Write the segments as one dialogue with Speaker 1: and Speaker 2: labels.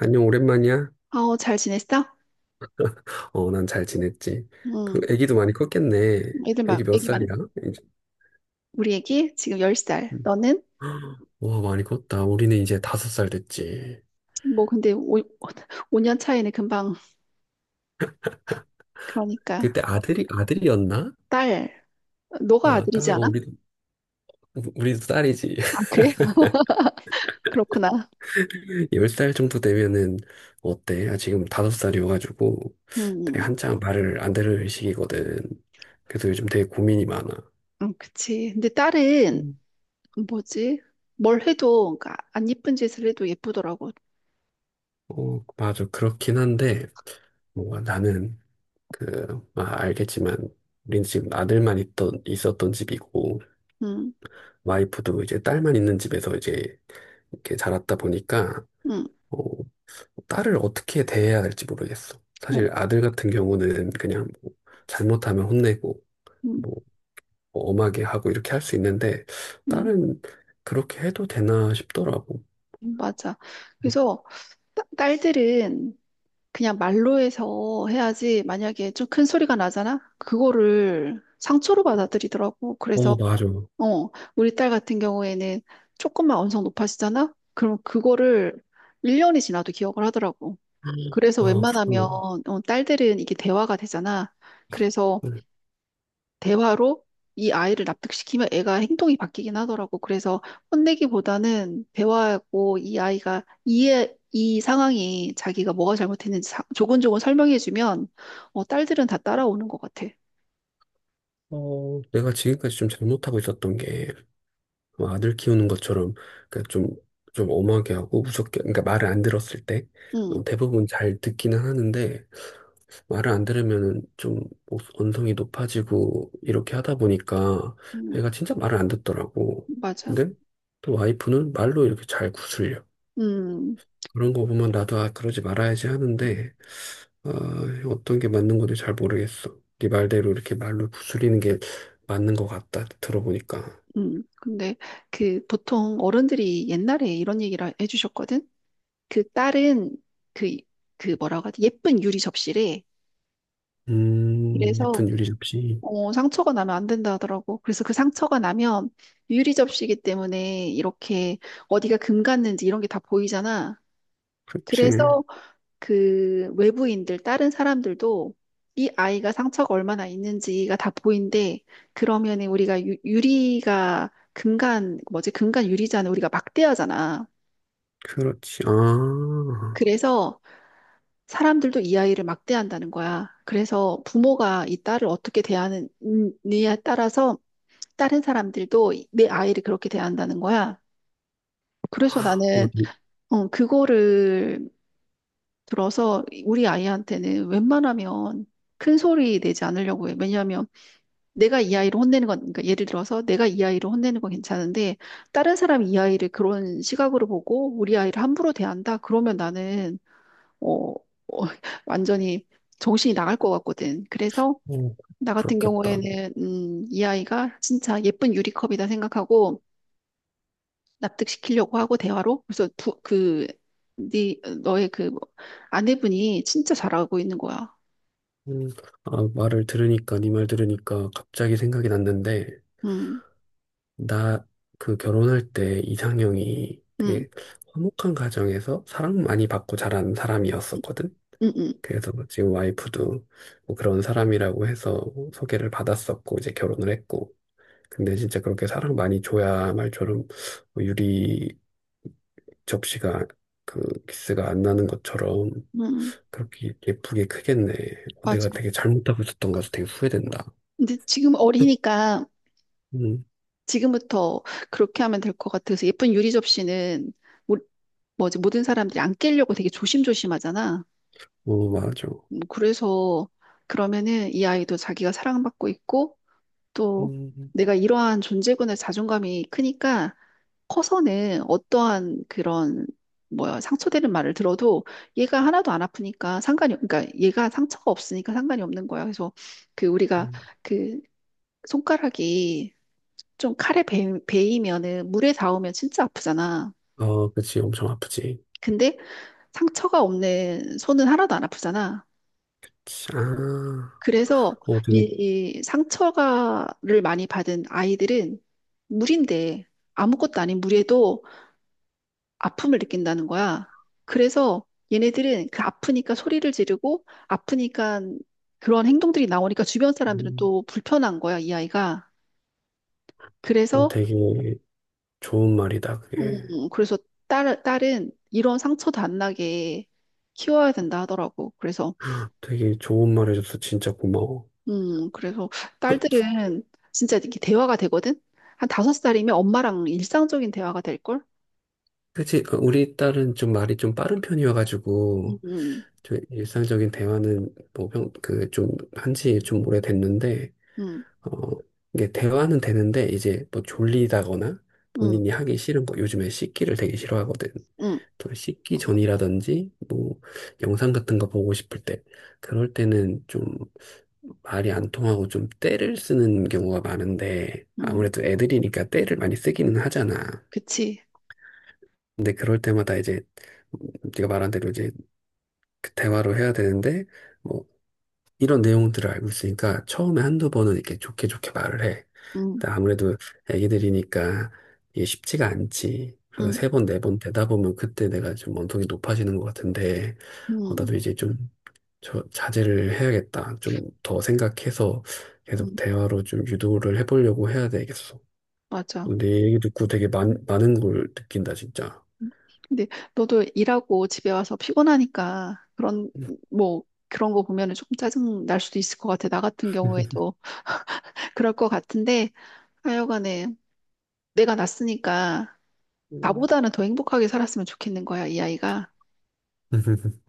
Speaker 1: 안녕, 오랜만이야?
Speaker 2: 아, 어, 잘 지냈어?
Speaker 1: 어, 난 잘 지냈지. 그,
Speaker 2: 음,
Speaker 1: 애기도 많이 컸겠네.
Speaker 2: 애들
Speaker 1: 애기
Speaker 2: 막,
Speaker 1: 몇
Speaker 2: 애기 많이,
Speaker 1: 살이야? 이제,
Speaker 2: 우리 애기 지금 10살.
Speaker 1: 음.
Speaker 2: 너는?
Speaker 1: 와, 많이 컸다. 우리는 이제 다섯 살 됐지.
Speaker 2: 뭐, 근데 오 5년 차이는 금방, 그러니까.
Speaker 1: 그때 아들이었나?
Speaker 2: 딸, 너가
Speaker 1: 아, 딸,
Speaker 2: 아들이지
Speaker 1: 어,
Speaker 2: 않아?
Speaker 1: 우리도 딸이지.
Speaker 2: 아, 그래? 그렇구나.
Speaker 1: 열 살 정도 되면은, 어때? 아, 지금 다섯 살이어가지고, 되게
Speaker 2: 음,
Speaker 1: 한창 말을 안 들을 시기거든. 그래서 요즘 되게 고민이 많아.
Speaker 2: 그치. 근데 딸은,
Speaker 1: 음.
Speaker 2: 뭐지? 뭘 해도, 그러니까 안 예쁜 짓을 해도 예쁘더라고.
Speaker 1: 어, 맞아. 그렇긴 한데, 뭔가 나는, 그, 아, 알겠지만, 우리는 지금 있었던 집이고,
Speaker 2: 음,
Speaker 1: 와이프도 이제 딸만 있는 집에서 이제 이렇게 자랐다 보니까,
Speaker 2: 음,
Speaker 1: 어, 딸을 어떻게 대해야 할지 모르겠어.
Speaker 2: 어,
Speaker 1: 사실 아들 같은 경우는 그냥 뭐 잘못하면 혼내고,
Speaker 2: 음,
Speaker 1: 뭐, 뭐 엄하게 하고 이렇게 할 수 있는데,
Speaker 2: 음,
Speaker 1: 딸은 그렇게 해도 되나 싶더라고.
Speaker 2: 맞아. 그래서, 딸들은, 그냥 말로 해서 해야지 만약에 좀 큰 소리가 나잖아? 그거를 상처로 받아들이더라고.
Speaker 1: 어,
Speaker 2: 그래서
Speaker 1: 맞아.
Speaker 2: 어, 우리 딸 같은 경우에는 조금만 언성 높아지잖아? 그럼 그거를 1년이 지나도 기억을 하더라고. 그래서
Speaker 1: 아,
Speaker 2: 웬만하면
Speaker 1: 그렇구나.
Speaker 2: 어, 딸들은 이게 대화가 되잖아. 그래서
Speaker 1: 네.
Speaker 2: 대화로 이 아이를 납득시키면 애가 행동이 바뀌긴 하더라고. 그래서 혼내기보다는 대화하고 이 아이가 이해, 이 상황이 자기가 뭐가 잘못했는지 조곤조곤 설명해주면 어, 딸들은 다 따라오는 것 같아.
Speaker 1: 내가 지금까지 좀 잘못하고 있었던 게, 뭐 아들 키우는 것처럼 그러니까 좀, 좀 엄하게 하고 무섭게 그러니까 말을 안 들었을 때 어,
Speaker 2: 응,
Speaker 1: 대부분 잘 듣기는 하는데 말을 안 들으면은 좀 언성이 높아지고 이렇게 하다 보니까
Speaker 2: 응,
Speaker 1: 애가 진짜 말을 안 듣더라고.
Speaker 2: 맞아.
Speaker 1: 근데 또 와이프는 말로 이렇게 잘 구슬려.
Speaker 2: 음,
Speaker 1: 그런 거
Speaker 2: 그,
Speaker 1: 보면 나도 아 그러지 말아야지 하는데 아, 어떤 게 맞는 건지 잘 모르겠어. 네 말대로 이렇게 말로 구슬리는 게 맞는 것 같다 들어보니까.
Speaker 2: 근데 그 보통 어른들이 옛날에 이런 얘기를 해주셨거든. 그 딸은 그, 그 뭐라고 하지? 예쁜 유리 접시래. 그래서
Speaker 1: 예쁜 유리 접시.
Speaker 2: 어, 상처가 나면 안 된다 하더라고. 그래서 그 상처가 나면 유리 접시이기 때문에 이렇게 어디가 금 갔는지 이런 게 다 보이잖아.
Speaker 1: 그렇지.
Speaker 2: 그래서 그 외부인들, 다른 사람들도 이 아이가 상처가 얼마나 있는지가 다 보인대. 그러면 우리가 유리가 금간, 뭐지, 금간 유리잖아. 우리가 막대하잖아.
Speaker 1: 그렇지. 아,
Speaker 2: 그래서 사람들도 이 아이를 막대한다는 거야. 그래서 부모가 이 딸을 어떻게 대하느냐에 따라서 다른 사람들도 내 아이를 그렇게 대한다는 거야. 그래서
Speaker 1: 어,
Speaker 2: 나는
Speaker 1: 네.
Speaker 2: 어, 그거를 들어서 우리 아이한테는 웬만하면 큰 소리 내지 않으려고 해. 왜냐하면 내가 이 아이를 혼내는 건, 그러니까 예를 들어서 내가 이 아이를 혼내는 건 괜찮은데 다른 사람이 이 아이를 그런 시각으로 보고 우리 아이를 함부로 대한다? 그러면 나는 어, 어, 완전히 정신이 나갈 것 같거든. 그래서
Speaker 1: 어,
Speaker 2: 나 같은
Speaker 1: 그렇겠다.
Speaker 2: 경우에는 이 아이가 진짜 예쁜 유리컵이다 생각하고 납득시키려고 하고 대화로 그래서 그, 네 너의 그 뭐, 아내분이 진짜 잘하고 있는 거야.
Speaker 1: 음, 아, 네 말 들으니까 갑자기 생각이 났는데,
Speaker 2: 응
Speaker 1: 나 그 결혼할 때 이상형이 되게
Speaker 2: 응
Speaker 1: 화목한 가정에서 사랑 많이 받고 자란
Speaker 2: 응
Speaker 1: 사람이었었거든.
Speaker 2: 응 응
Speaker 1: 그래서 뭐 지금 와이프도 뭐 그런 사람이라고 해서 소개를 받았었고, 이제 결혼을 했고. 근데 진짜 그렇게 사랑 많이 줘야 말처럼 뭐 유리 접시가 그 기스가 안 나는 것처럼
Speaker 2: 응,
Speaker 1: 그렇게 예쁘게 크겠네.
Speaker 2: 맞아.
Speaker 1: 내가 되게 잘못하고 있었던 것 같아서 되게 후회된다.
Speaker 2: 근데 지금 어리니까
Speaker 1: 음,
Speaker 2: 지금부터 그렇게 하면 될 것 같아서 예쁜 유리 접시는 모- 뭐지, 모든 사람들이 안 깨려고 되게 조심조심하잖아.
Speaker 1: 어, 맞아.
Speaker 2: 그래서 그러면은 이 아이도 자기가 사랑받고 있고 또
Speaker 1: 음,
Speaker 2: 내가 이러한 존재군의 자존감이 크니까 커서는 어떠한 그런 뭐야 상처되는 말을 들어도 얘가 하나도 안 아프니까 상관이 그러니까 얘가 상처가 없으니까 상관이 없는 거야. 그래서 그 우리가
Speaker 1: 음.
Speaker 2: 그 손가락이 좀 칼에 베이면은 물에 닿으면 진짜 아프잖아.
Speaker 1: 어, 그치, 엄청 아프지.
Speaker 2: 근데 상처가 없는 손은 하나도 안 아프잖아.
Speaker 1: 그치. 아,
Speaker 2: 그래서
Speaker 1: 어,
Speaker 2: 이,
Speaker 1: 되게,
Speaker 2: 이 상처가를 많이 받은 아이들은 물인데 아무것도 아닌 물에도 아픔을 느낀다는 거야. 그래서 얘네들은 그 아프니까 소리를 지르고 아프니까 그런 행동들이 나오니까 주변 사람들은
Speaker 1: 음,
Speaker 2: 또 불편한 거야, 이 아이가.
Speaker 1: 어,
Speaker 2: 그래서
Speaker 1: 되게 좋은 말이다, 그게.
Speaker 2: 그래서 딸은 이런 상처도 안 나게 키워야 된다 하더라고. 그래서
Speaker 1: 되게 좋은 말 해줘서 진짜 고마워.
Speaker 2: 그래서 딸들은 진짜 이렇게 대화가 되거든. 한 다섯 살이면 엄마랑 일상적인 대화가 될 걸?
Speaker 1: 어, 우리 딸은 말이 좀 빠른 편이어가지고,
Speaker 2: 음,
Speaker 1: 좀 일상적인 대화는 뭐, 평, 그, 좀, 한지 좀 오래됐는데,
Speaker 2: 음,
Speaker 1: 어, 이게 대화는 되는데 이제 뭐 졸리다거나
Speaker 2: 음,
Speaker 1: 본인이 하기 싫은 거 요즘에 씻기를 되게 싫어하거든.
Speaker 2: 음,
Speaker 1: 또 씻기 전이라든지 뭐 영상 같은 거 보고 싶을 때 그럴 때는 좀 말이 안 통하고 좀 떼를 쓰는 경우가 많은데
Speaker 2: 음,
Speaker 1: 아무래도 애들이니까 떼를 많이 쓰기는 하잖아.
Speaker 2: 그치.
Speaker 1: 근데 그럴 때마다 이제 음, 네가 말한 대로 이제 그 대화로 해야 되는데 뭐 이런 내용들을 알고 있으니까 처음에 한두 번은 이렇게 좋게 말을 해.
Speaker 2: 음,
Speaker 1: 근데 아무래도 애기들이니까 이게 쉽지가 않지. 그래서
Speaker 2: 음,
Speaker 1: 세 번, 네 번 되다 보면 그때 내가 좀 언성이 높아지는 것 같은데, 어,
Speaker 2: 음,
Speaker 1: 나도 이제 좀 자제를 해야겠다. 좀 더 생각해서 계속
Speaker 2: 음,
Speaker 1: 대화로 좀 유도를 해보려고 해야 되겠어.
Speaker 2: 맞아.
Speaker 1: 내 얘기 듣고 되게 많은 걸 느낀다, 진짜.
Speaker 2: 근데 너도 일하고 집에 와서 피곤하니까 그런 뭐 그런 거 보면은 조금 짜증 날 수도 있을 것 같아. 나 같은 경우에도 그럴 것 같은데 하여간에 내가 낳았으니까
Speaker 1: 음.
Speaker 2: 나보다는 더 행복하게 살았으면 좋겠는 거야, 이 아이가.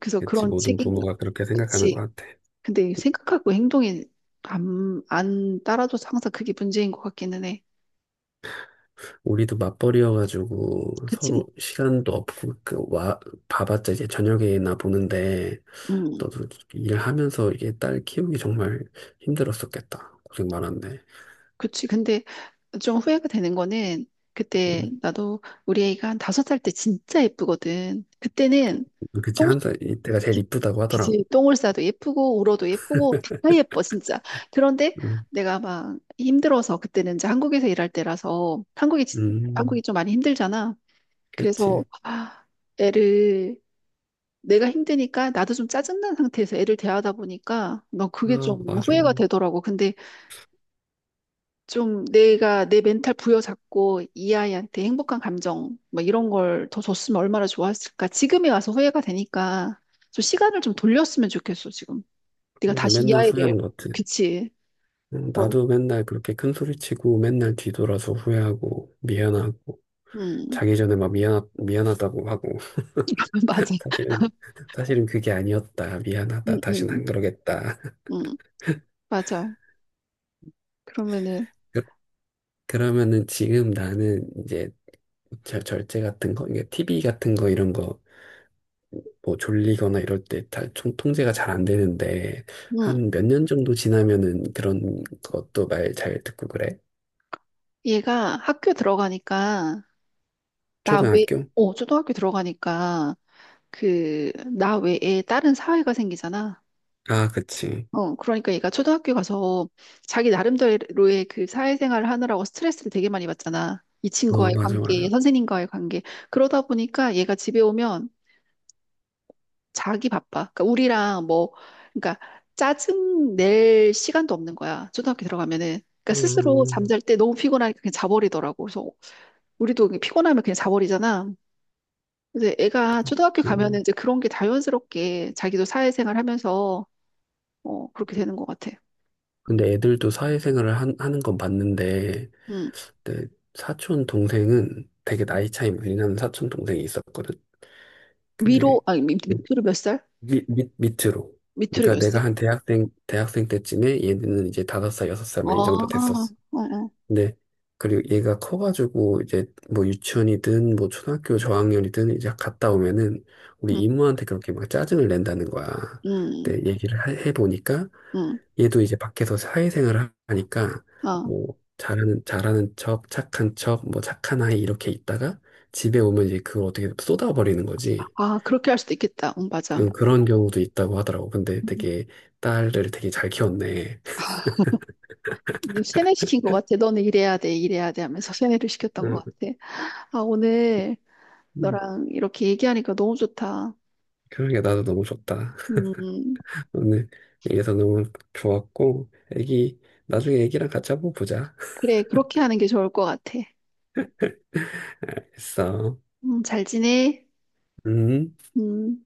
Speaker 2: 그래서
Speaker 1: 그치,
Speaker 2: 그런
Speaker 1: 모든
Speaker 2: 책임,
Speaker 1: 부모가 그렇게 생각하는
Speaker 2: 그치.
Speaker 1: 것 같아.
Speaker 2: 근데 생각하고 행동이 안 따라줘서 항상 그게 문제인 것 같기는 해.
Speaker 1: 우리도 맞벌이여가지고
Speaker 2: 그치?
Speaker 1: 서로 시간도 없고 그 와 봐봤자 이제 저녁에나 보는데
Speaker 2: 음.
Speaker 1: 너도 일하면서 이게 딸 키우기 정말 힘들었었겠다. 고생 많았네.
Speaker 2: 그치. 근데 좀 후회가 되는 거는 그때
Speaker 1: 음,
Speaker 2: 나도 우리 애가 한 5살 때 진짜 예쁘거든. 그때는
Speaker 1: 그치
Speaker 2: 똥,
Speaker 1: 한 살 이때가 제일
Speaker 2: 기-
Speaker 1: 이쁘다고
Speaker 2: 기지,
Speaker 1: 하더라고.
Speaker 2: 똥을 싸도 예쁘고 울어도 예쁘고 다 예뻐 진짜. 그런데
Speaker 1: 음,
Speaker 2: 내가 막 힘들어서 그때는 이제 한국에서 일할 때라서 한국이
Speaker 1: 음,
Speaker 2: 좀 많이 힘들잖아. 그래서
Speaker 1: 그치.
Speaker 2: 아, 애를 내가 힘드니까 나도 좀 짜증난 상태에서 애를 대하다 보니까 나 그게
Speaker 1: 아
Speaker 2: 좀
Speaker 1: 맞아.
Speaker 2: 후회가 되더라고. 근데 좀 내가 내 멘탈 부여잡고 이 아이한테 행복한 감정 뭐 이런 걸 더 줬으면 얼마나 좋았을까. 지금에 와서 후회가 되니까 좀 시간을 좀 돌렸으면 좋겠어, 지금. 네가
Speaker 1: 이게
Speaker 2: 다시 이
Speaker 1: 맨날
Speaker 2: 아이를.
Speaker 1: 후회하는 것 같아.
Speaker 2: 그치. 뭐,
Speaker 1: 나도 맨날 그렇게 큰 소리 치고 맨날 뒤돌아서 후회하고 미안하고
Speaker 2: 음.
Speaker 1: 자기 전에 막 미안하다고 하고.
Speaker 2: 맞아.
Speaker 1: 사실은, 사실은 그게 아니었다.
Speaker 2: 응,
Speaker 1: 미안하다. 다신
Speaker 2: 응,
Speaker 1: 안 그러겠다.
Speaker 2: 응. 맞아. 그러면은
Speaker 1: 그, 그러면은 지금 나는 이제 절제 같은 거, 이게 TV 같은 거 이런 거, 뭐 졸리거나 이럴 때 다, 통제가 잘 안 되는데,
Speaker 2: 응,
Speaker 1: 한 몇 년 정도 지나면은 그런 것도 말 잘 듣고 그래?
Speaker 2: 얘가 학교 들어가니까 나 외,
Speaker 1: 초등학교?
Speaker 2: 어, 초등학교 들어가니까 그 나 외에 다른 사회가 생기잖아.
Speaker 1: 아, 그치.
Speaker 2: 어, 그러니까 얘가 초등학교 가서 자기 나름대로의 그 사회생활을 하느라고 스트레스를 되게 많이 받잖아. 이
Speaker 1: 어,
Speaker 2: 친구와의
Speaker 1: 맞아.
Speaker 2: 관계, 선생님과의 관계. 그러다 보니까 얘가 집에 오면 자기 바빠. 그러니까 우리랑 뭐, 그러니까 짜증 낼 시간도 없는 거야. 초등학교 들어가면은. 그러니까 스스로
Speaker 1: 음,
Speaker 2: 잠잘 때 너무 피곤하니까 그냥 자버리더라고. 그래서 우리도 피곤하면 그냥 자버리잖아. 근데 애가 초등학교 가면은
Speaker 1: 좀.
Speaker 2: 이제 그런 게 자연스럽게 자기도 사회생활 하면서 어, 그렇게 되는 것 같아.
Speaker 1: 근데 애들도 하는 건 봤는데,
Speaker 2: 응.
Speaker 1: 내 사촌 동생은 되게 나이 차이 많이 나는 사촌 동생이 있었거든. 근데
Speaker 2: 위로, 아니, 밑으로 몇 살?
Speaker 1: 밑으로.
Speaker 2: 밑으로
Speaker 1: 그러니까
Speaker 2: 몇 살?
Speaker 1: 내가 대학생 때쯤에 얘는 이제 다섯 살, 여섯 살
Speaker 2: 아,
Speaker 1: 막 이 정도 됐었어.
Speaker 2: 어, 어,
Speaker 1: 근데 그리고 얘가 커가지고 이제 뭐 유치원이든 뭐 초등학교 저학년이든 이제 갔다 오면은 우리
Speaker 2: 응,
Speaker 1: 이모한테 그렇게 막 짜증을 낸다는 거야.
Speaker 2: 응,
Speaker 1: 근데 해보니까
Speaker 2: 응,
Speaker 1: 얘도 이제 밖에서 사회생활을 하니까
Speaker 2: 아,
Speaker 1: 뭐 잘하는 척, 착한 척, 뭐 착한 아이 이렇게 있다가 집에 오면 이제 그걸 어떻게 쏟아버리는 거지.
Speaker 2: 아, 그렇게 할 수도 있겠다. 응, 맞아.
Speaker 1: 응, 그런 경우도 있다고 하더라고. 근데
Speaker 2: 음,
Speaker 1: 되게 딸을 되게 잘 키웠네.
Speaker 2: 세뇌시킨 것 같아. 너는 이래야 돼, 이래야 돼 하면서 세뇌를 시켰던 것
Speaker 1: 응,
Speaker 2: 같아. 아, 오늘
Speaker 1: 음,
Speaker 2: 너랑 이렇게 얘기하니까 너무 좋다.
Speaker 1: 그런게 나도 너무 좋다.
Speaker 2: 음,
Speaker 1: 오늘 얘기해서 너무 좋았고, 애기 나중에 애기랑 같이 한번 보자.
Speaker 2: 그래, 그렇게 하는 게 좋을 것 같아.
Speaker 1: 했어.
Speaker 2: 잘 지내?
Speaker 1: 음.
Speaker 2: 음.